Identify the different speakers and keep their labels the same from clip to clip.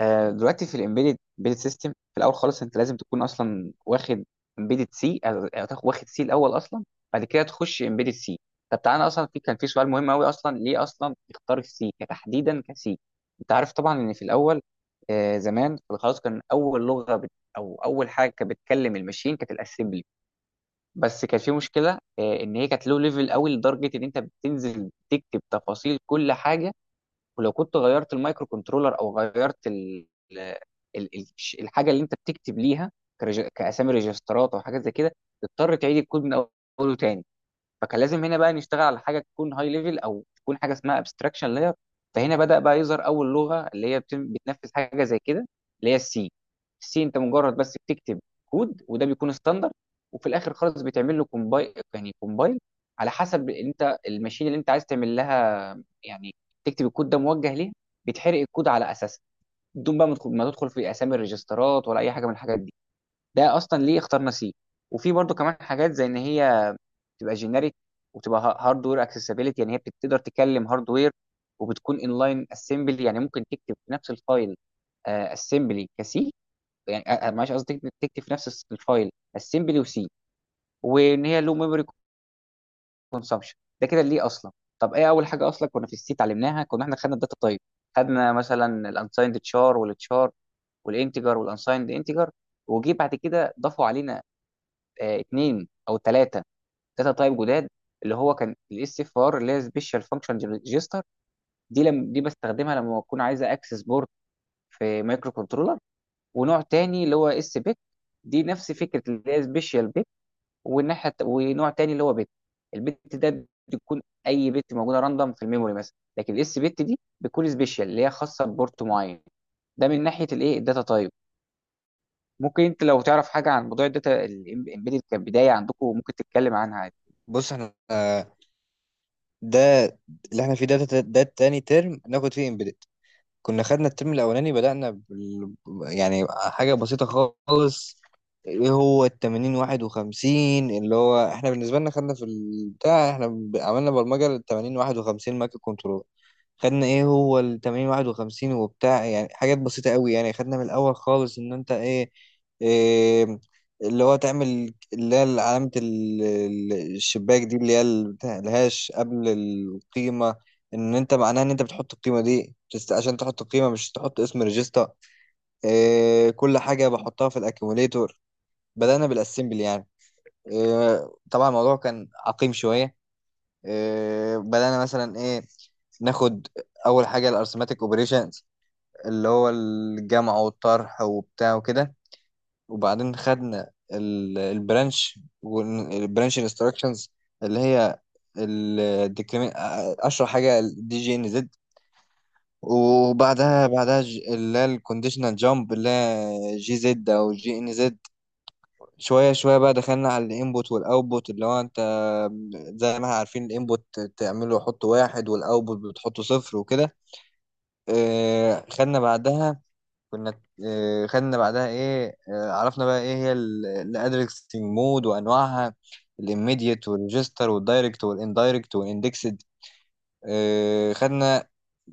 Speaker 1: دلوقتي في الامبيدد سيستم، في الاول خالص انت لازم تكون اصلا واخد امبيدد سي، واخد سي الاول اصلا، بعد كده تخش امبيدد سي. طب تعالى اصلا، كان في سؤال مهم قوي اصلا، ليه اصلا اختار السي تحديدا كسي؟ انت عارف طبعا ان في الاول زمان خلاص كان اول لغه بت او اول حاجه كانت بتكلم الماشين كانت الاسمبلي. بس كان في مشكله ان هي كانت لو ليفل قوي لدرجه ان انت بتنزل تكتب تفاصيل كل حاجه. ولو كنت غيرت المايكرو كنترولر او غيرت ال... ال... الحاجه اللي انت بتكتب ليها، كاسامي ريجسترات او حاجات زي كده، تضطر تعيد الكود من اوله تاني. فكان لازم هنا بقى نشتغل على حاجه تكون هاي ليفل، او تكون حاجه اسمها ابستراكشن لاير. فهنا بدا بقى يظهر اول لغه اللي هي بتنفذ حاجه زي كده، اللي هي السي. السي انت مجرد بس بتكتب كود، وده بيكون ستاندر، وفي الاخر خالص بتعمل له كومبايل، يعني كومبايل على حسب انت الماشين اللي انت عايز تعمل لها، يعني تكتب الكود ده موجه ليه، بتحرق الكود على اساسه، بدون بقى ما تدخل في اسامي الريجسترات ولا اي حاجه من الحاجات دي. ده اصلا ليه اخترنا سي. وفي برضو كمان حاجات زي ان هي تبقى جينيريك، وتبقى هاردوير اكسسبيليتي، يعني هي بتقدر تكلم هاردوير، وبتكون انلاين اسمبلي، يعني ممكن تكتب في نفس الفايل اسمبلي كسي. يعني معلش قصدي تكتب في نفس الفايل اسمبلي وسي. وان هي لو ميموري كونسامشن، ده كده ليه اصلا. طب ايه اول حاجه اصلا كنا في السي اتعلمناها؟ كنا احنا خدنا الداتا تايب، خدنا مثلا الانسايند تشار والتشار والانتجر والانسايند انتجر. وجي بعد كده ضافوا علينا اتنين او ثلاثه داتا تايب جداد، اللي هو كان الاس اف ار اللي هي سبيشال فانكشن ريجستر. دي لم دي بستخدمها لما بكون عايز اكسس بورد في مايكرو كنترولر. ونوع تاني اللي هو اس بيت، دي نفس فكره اللي هي سبيشال بيت. ونوع تاني اللي هو بيت. البت ده بتكون اي بت موجوده راندوم في الميموري مثلا، لكن الاس بت دي بتكون سبيشال اللي هي خاصه ببورت معين. ده من ناحيه الايه الداتا تايب. ممكن انت لو تعرف حاجه عن موضوع الداتا الامبيدد كبدايه عندكم ممكن تتكلم عنها.
Speaker 2: بص احنا، ده اللي احنا فيه ده تاني ترم ناخد فيه امبيدد. كنا خدنا الترم الاولاني بدأنا. يعني حاجة بسيطة خالص. ايه هو ال 80 51؟ اللي هو احنا بالنسبة لنا خدنا في البتاع، احنا عملنا برمجة لل 80 51 مايكرو كنترول. خدنا ايه هو ال 80 51 وبتاع، يعني حاجات بسيطة قوي. يعني خدنا من الاول خالص ان انت إيه اللي هو تعمل، اللي هي علامة الشباك دي، اللي هي بتاع الهاش قبل القيمة. ان انت معناها ان انت بتحط القيمة دي عشان تحط القيمة، مش تحط اسم ريجستا. إيه، كل حاجة بحطها في الاكيوميليتور. بدأنا بالاسمبل يعني. إيه، طبعا الموضوع كان عقيم شوية. إيه، بدأنا مثلا ايه ناخد اول حاجه الارثماتيك اوبريشنز، اللي هو الجمع والطرح وبتاع وكده. وبعدين خدنا البرانش انستراكشنز، اللي هي الديكريمنت، اشهر حاجه الدي جي ان زد. وبعدها اللي هي الكونديشنال جامب، اللي هي جي زد او جي ان زد. شوية شوية بقى دخلنا على الانبوت والاوتبوت، اللي هو انت زي ما احنا عارفين الانبوت تعمله حط واحد والاوتبوت بتحطه صفر وكده. خدنا بعدها، كنا خدنا بعدها ايه آه، عرفنا بقى ايه هي الادريسنج مود وانواعها: الاميديت والريجستر والدايركت والاندايركت والاندكسد. خدنا،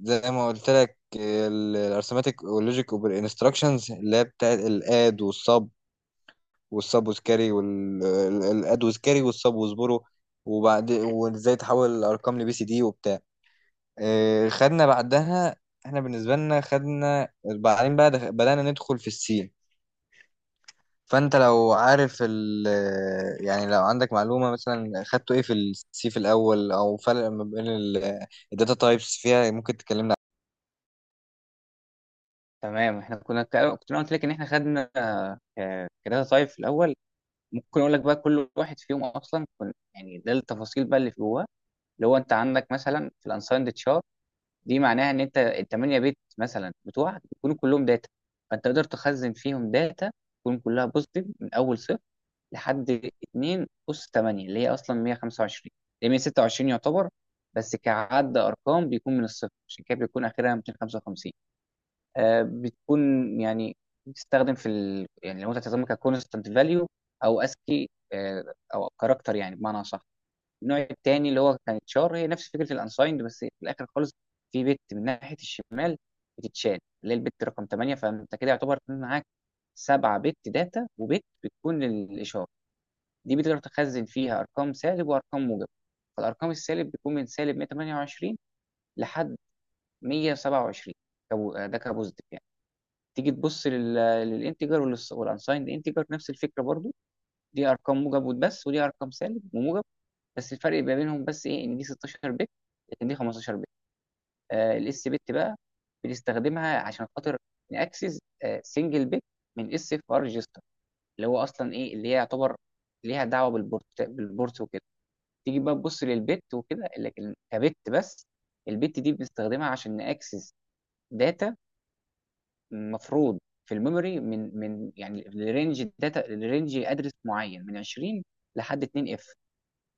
Speaker 2: زي ما قلت لك، الارثماتيك واللوجيك والانستراكشنز، اللي هي بتاعت الاد والسب والسابوز كاري والادوز كاري والسابوز برو. وبعد، وازاي تحول الارقام لبي سي دي وبتاع. خدنا بعدها، احنا بالنسبه لنا خدنا بعدين بقى بدانا ندخل في السين. فانت لو عارف ال، يعني لو عندك معلومه مثلا خدته ايه في السي في الاول، او فرق ما بين الداتا تايبس فيها، ممكن تكلمنا.
Speaker 1: تمام، احنا كنت انا قلت لك ان احنا خدنا كده. طيب في الاول ممكن اقول لك بقى كل واحد فيهم اصلا كن، يعني ده التفاصيل بقى اللي في جواه. اللي هو انت عندك مثلا في الانسايند تشار، دي معناها ان انت الثمانيه بيت مثلا بتوعك بيكونوا كلهم داتا، فانت تقدر تخزن فيهم داتا تكون كلها بوزيتيف من اول صفر لحد 2 اس 8، اللي هي اصلا 125، اللي هي 126 يعتبر. بس كعد ارقام بيكون من الصفر، عشان كده بيكون اخرها 255. بتكون يعني بتستخدم يعني لو انت هتستخدمها ككونستنت فاليو، او اسكي، او كاركتر يعني بمعنى صح. النوع الثاني اللي هو كانت شار، هي نفس فكره الانسايند، بس في الاخر خالص في بت من ناحيه الشمال بتتشال، اللي هي البت رقم 8، فانت كده يعتبر معاك سبعة بت داتا وبت بتكون للاشاره. دي بتقدر تخزن فيها ارقام سالب وارقام موجب. فالارقام السالب بيكون من سالب 128 لحد 127. ده كبوزيتيف يعني. تيجي تبص للانتجر والانسايند انتجر، نفس الفكره برضو. دي ارقام موجب بس، ودي ارقام سالب وموجب، بس الفرق ما بينهم بس ايه ان دي 16 بت لكن دي 15 بت. الاس بت بقى بنستخدمها عشان خاطر ناكسس سنجل بت من اس اف ار ريجستر، اللي هو اصلا ايه اللي هي يعتبر ليها دعوه بالبورت وكده. تيجي بقى تبص للبت وكده لكن كبت بس. البت دي بنستخدمها عشان ناكسس داتا المفروض في الميموري، من يعني لرينج داتا لرينج ادرس معين من 20 لحد 2 اف.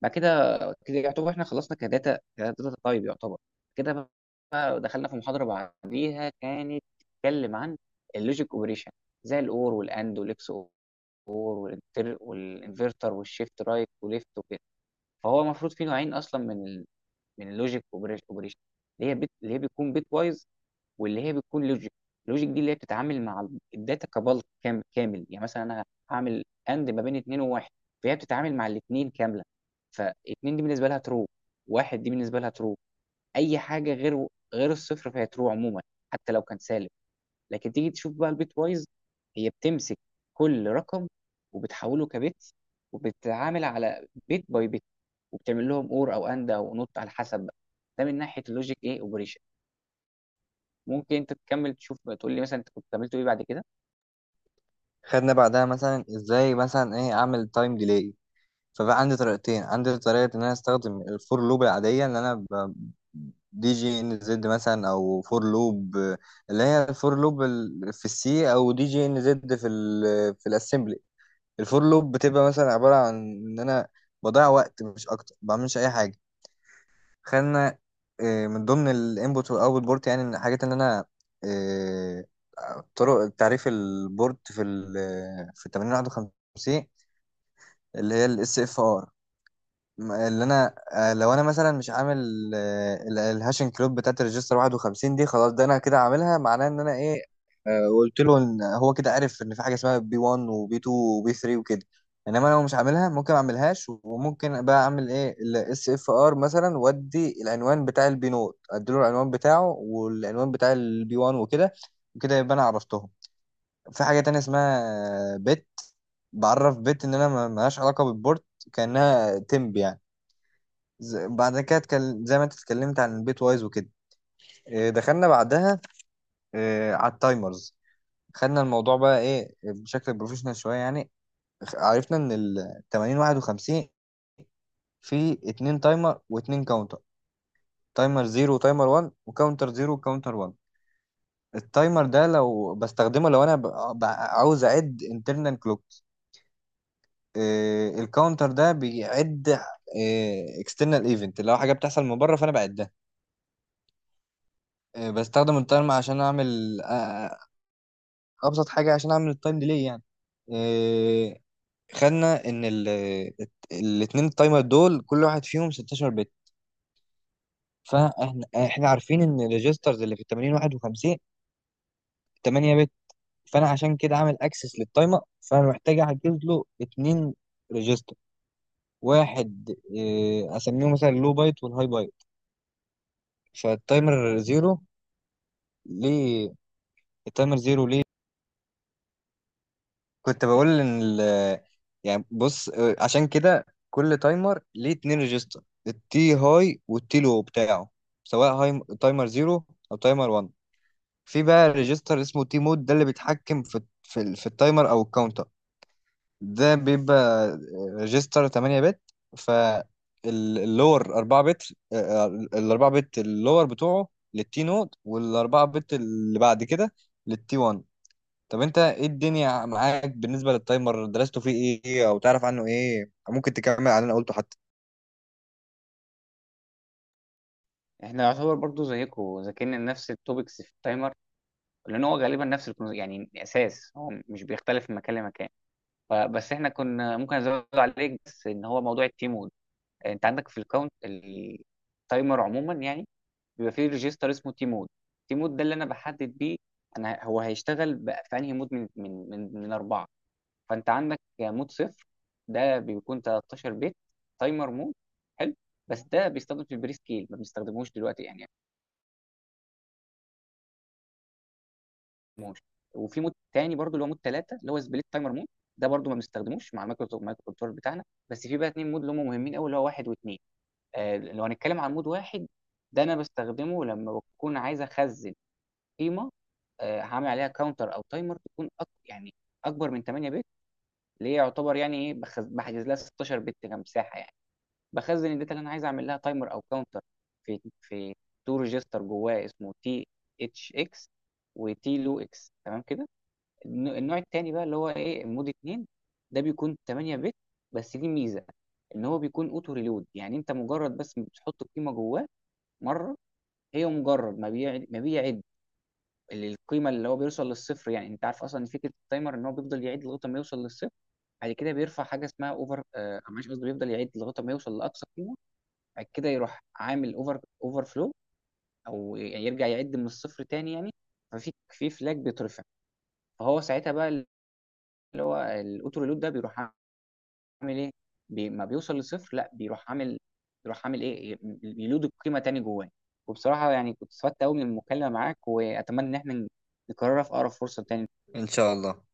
Speaker 1: بعد كده كده يعتبر احنا خلصنا كداتا تايب يعتبر. كده بقى دخلنا في محاضره بعديها كانت بتتكلم عن اللوجيك اوبريشن، زي الاور والاند والاكس اور والانتر والانفرتر والشيفت رايت وليفت وكده. فهو المفروض في نوعين اصلا من اللوجيك اوبريشن، اللي هي بيكون بيت وايز، واللي هي بتكون لوجيك. اللوجيك دي اللي هي بتتعامل مع الداتا كبلك كامل، يعني مثلا انا هعمل اند ما بين اتنين وواحد، فهي بتتعامل مع الاتنين كامله. فاتنين دي بالنسبه لها ترو، واحد دي بالنسبه لها ترو. اي حاجه غير الصفر فهي ترو عموما، حتى لو كان سالب. لكن تيجي تشوف بقى البيت وايز، هي بتمسك كل رقم وبتحوله كبت، وبتتعامل على بيت باي بيت، وبتعمل لهم اور او اند او نوت على حسب بقى. ده من ناحيه اللوجيك ايه اوبريشن. ممكن انت تكمل تشوف تقول لي مثلا انت كنت عملته ايه بعد كده.
Speaker 2: خدنا بعدها مثلا ازاي مثلا ايه اعمل تايم ديلي. فبقى عندي طريقتين، عندي طريقة إن أنا أستخدم الفور لوب العادية، دي جي إن زد مثلا أو فور لوب، اللي هي الفور لوب في السي أو دي جي إن زد في الأسمبلي. الفور لوب بتبقى مثلا عبارة عن إن أنا بضيع وقت، مش أكتر، ما بعملش أي حاجة. خلينا، من ضمن الانبوت والأوتبوت بورت، يعني إن حاجات إن أنا آه، طرق تعريف البورت في 8051، اللي هي الاس اف ار. اللي انا، لو انا مثلا مش عامل الهاشنج كلوب بتاعت الريجستر 51 دي، خلاص ده انا كده عاملها، معناه ان انا ايه. قلت له ان هو كده عارف ان في حاجه اسمها بي 1 وبي 2 وبي 3 وكده. انما انا لو مش عاملها ممكن ما اعملهاش، وممكن بقى اعمل ايه الاس اف ار مثلا، وادي العنوان بتاع البي نوت، اديله العنوان بتاعه والعنوان بتاع البي 1 وكده، وكده يبقى انا عرفتهم. في حاجه تانية اسمها بت، بعرف بت ان انا ملهاش علاقه بالبورت، كانها تمب يعني. بعد كده اتكلم زي ما انت اتكلمت عن البيت وايز وكده. دخلنا بعدها على التايمرز. خدنا الموضوع بقى ايه بشكل بروفيشنال شويه يعني. عرفنا ان ال 80 51 في اتنين تايمر واتنين كاونتر: تايمر 0 وتايمر 1 وكاونتر 0 وكاونتر 1. التايمر ده لو بستخدمه لو انا عاوز اعد انترنال كلوكس. الكاونتر ده بيعد اكسترنال ايفنت، اللي هو حاجه بتحصل من بره. فانا بعدها بستخدم التايمر عشان اعمل ابسط حاجه، عشان اعمل التايم ديلي يعني. إيه، خدنا ان الاثنين التايمر دول كل واحد فيهم 16 بت. فاحنا عارفين ان الريجسترز اللي في ال 80 51 8 بت. فانا عشان كده عامل اكسس للتايمر، فانا محتاج احجز له اثنين ريجستر، واحد إيه اسميه مثلا اللو بايت والهاي بايت. فالتايمر زيرو ليه؟ التايمر زيرو ليه؟ كنت بقول ان ال... يعني بص، عشان كده كل تايمر ليه اتنين ريجستر، التي هاي والتي لو بتاعه، سواء هاي تايمر زيرو او تايمر 1. في بقى ريجستر اسمه تي مود، ده اللي بيتحكم في في التايمر او الكاونتر. ده بيبقى ريجستر 8 بت. فاللور 4 بت، ال 4 بت اللور بتوعه للتي نود، وال 4 بت اللي بعد كده للتي 1. طب انت ايه الدنيا معاك بالنسبة للتايمر، درسته فيه ايه او تعرف عنه ايه، ممكن تكمل على اللي انا قلته حتى.
Speaker 1: احنا يعتبر برضو زيكم ذاكرنا نفس التوبكس في التايمر، لان هو غالبا نفس يعني اساس هو مش بيختلف من مكان لمكان. فبس احنا كنا ممكن ازود عليك بس ان هو موضوع التيم مود. انت عندك في الكاونت التايمر عموما يعني بيبقى فيه ريجستر اسمه تيم مود. تيم مود ده اللي انا بحدد بيه انا هو هيشتغل بقى في انهي مود من اربعه. فانت عندك مود صفر، ده بيكون 13 بت تايمر مود، حلو. بس ده بيستخدم في البري سكيل، ما بنستخدموش دلوقتي يعني ما بنستخدموش. وفي مود تاني برضو اللي هو مود 3 اللي هو سبليت تايمر مود، ده برضو ما بنستخدموش مع المايكرو كنترول بتاعنا. بس في بقى اتنين مود اللي هم مهمين قوي، اللي هو واحد واثنين. لو هنتكلم عن مود واحد، ده انا بستخدمه لما بكون عايز اخزن قيمه، هعمل عليها كاونتر او تايمر، تكون يعني اكبر من 8 بت، اللي هي يعتبر يعني ايه بحجز لها 16 بت كمساحه، يعني بخزن الداتا اللي انا عايز اعمل لها تايمر او كاونتر في تو ريجستر جواه اسمه تي اتش اكس، وتي لو اكس تمام كده. النوع التاني بقى اللي هو ايه مود 2، ده بيكون 8 بت، بس دي ميزه ان هو بيكون اوتو ريلود، يعني انت مجرد بس بتحط القيمه جواه مره. هي مجرد ما بيعد القيمه اللي هو بيوصل للصفر، يعني انت عارف اصلا ان فكره التايمر ان هو بيفضل يعيد لغايه ما يوصل للصفر. بعد كده بيرفع حاجه اسمها اوفر آه معلش قصدي بيفضل يعيد لغايه ما يوصل لاقصى قيمه، بعد كده يروح عامل اوفر فلو، او يرجع يعد من الصفر تاني يعني. في فلاج بيترفع، فهو ساعتها بقى الاوتو ريلود ده بيروح عامل ايه، بي ما بيوصل لصفر لا بيروح عامل ايه يلود القيمه تاني جواه. وبصراحه يعني كنت استفدت قوي من المكالمه معاك، واتمنى ان احنا نكررها في اقرب فرصه تاني.
Speaker 2: ان شاء الله.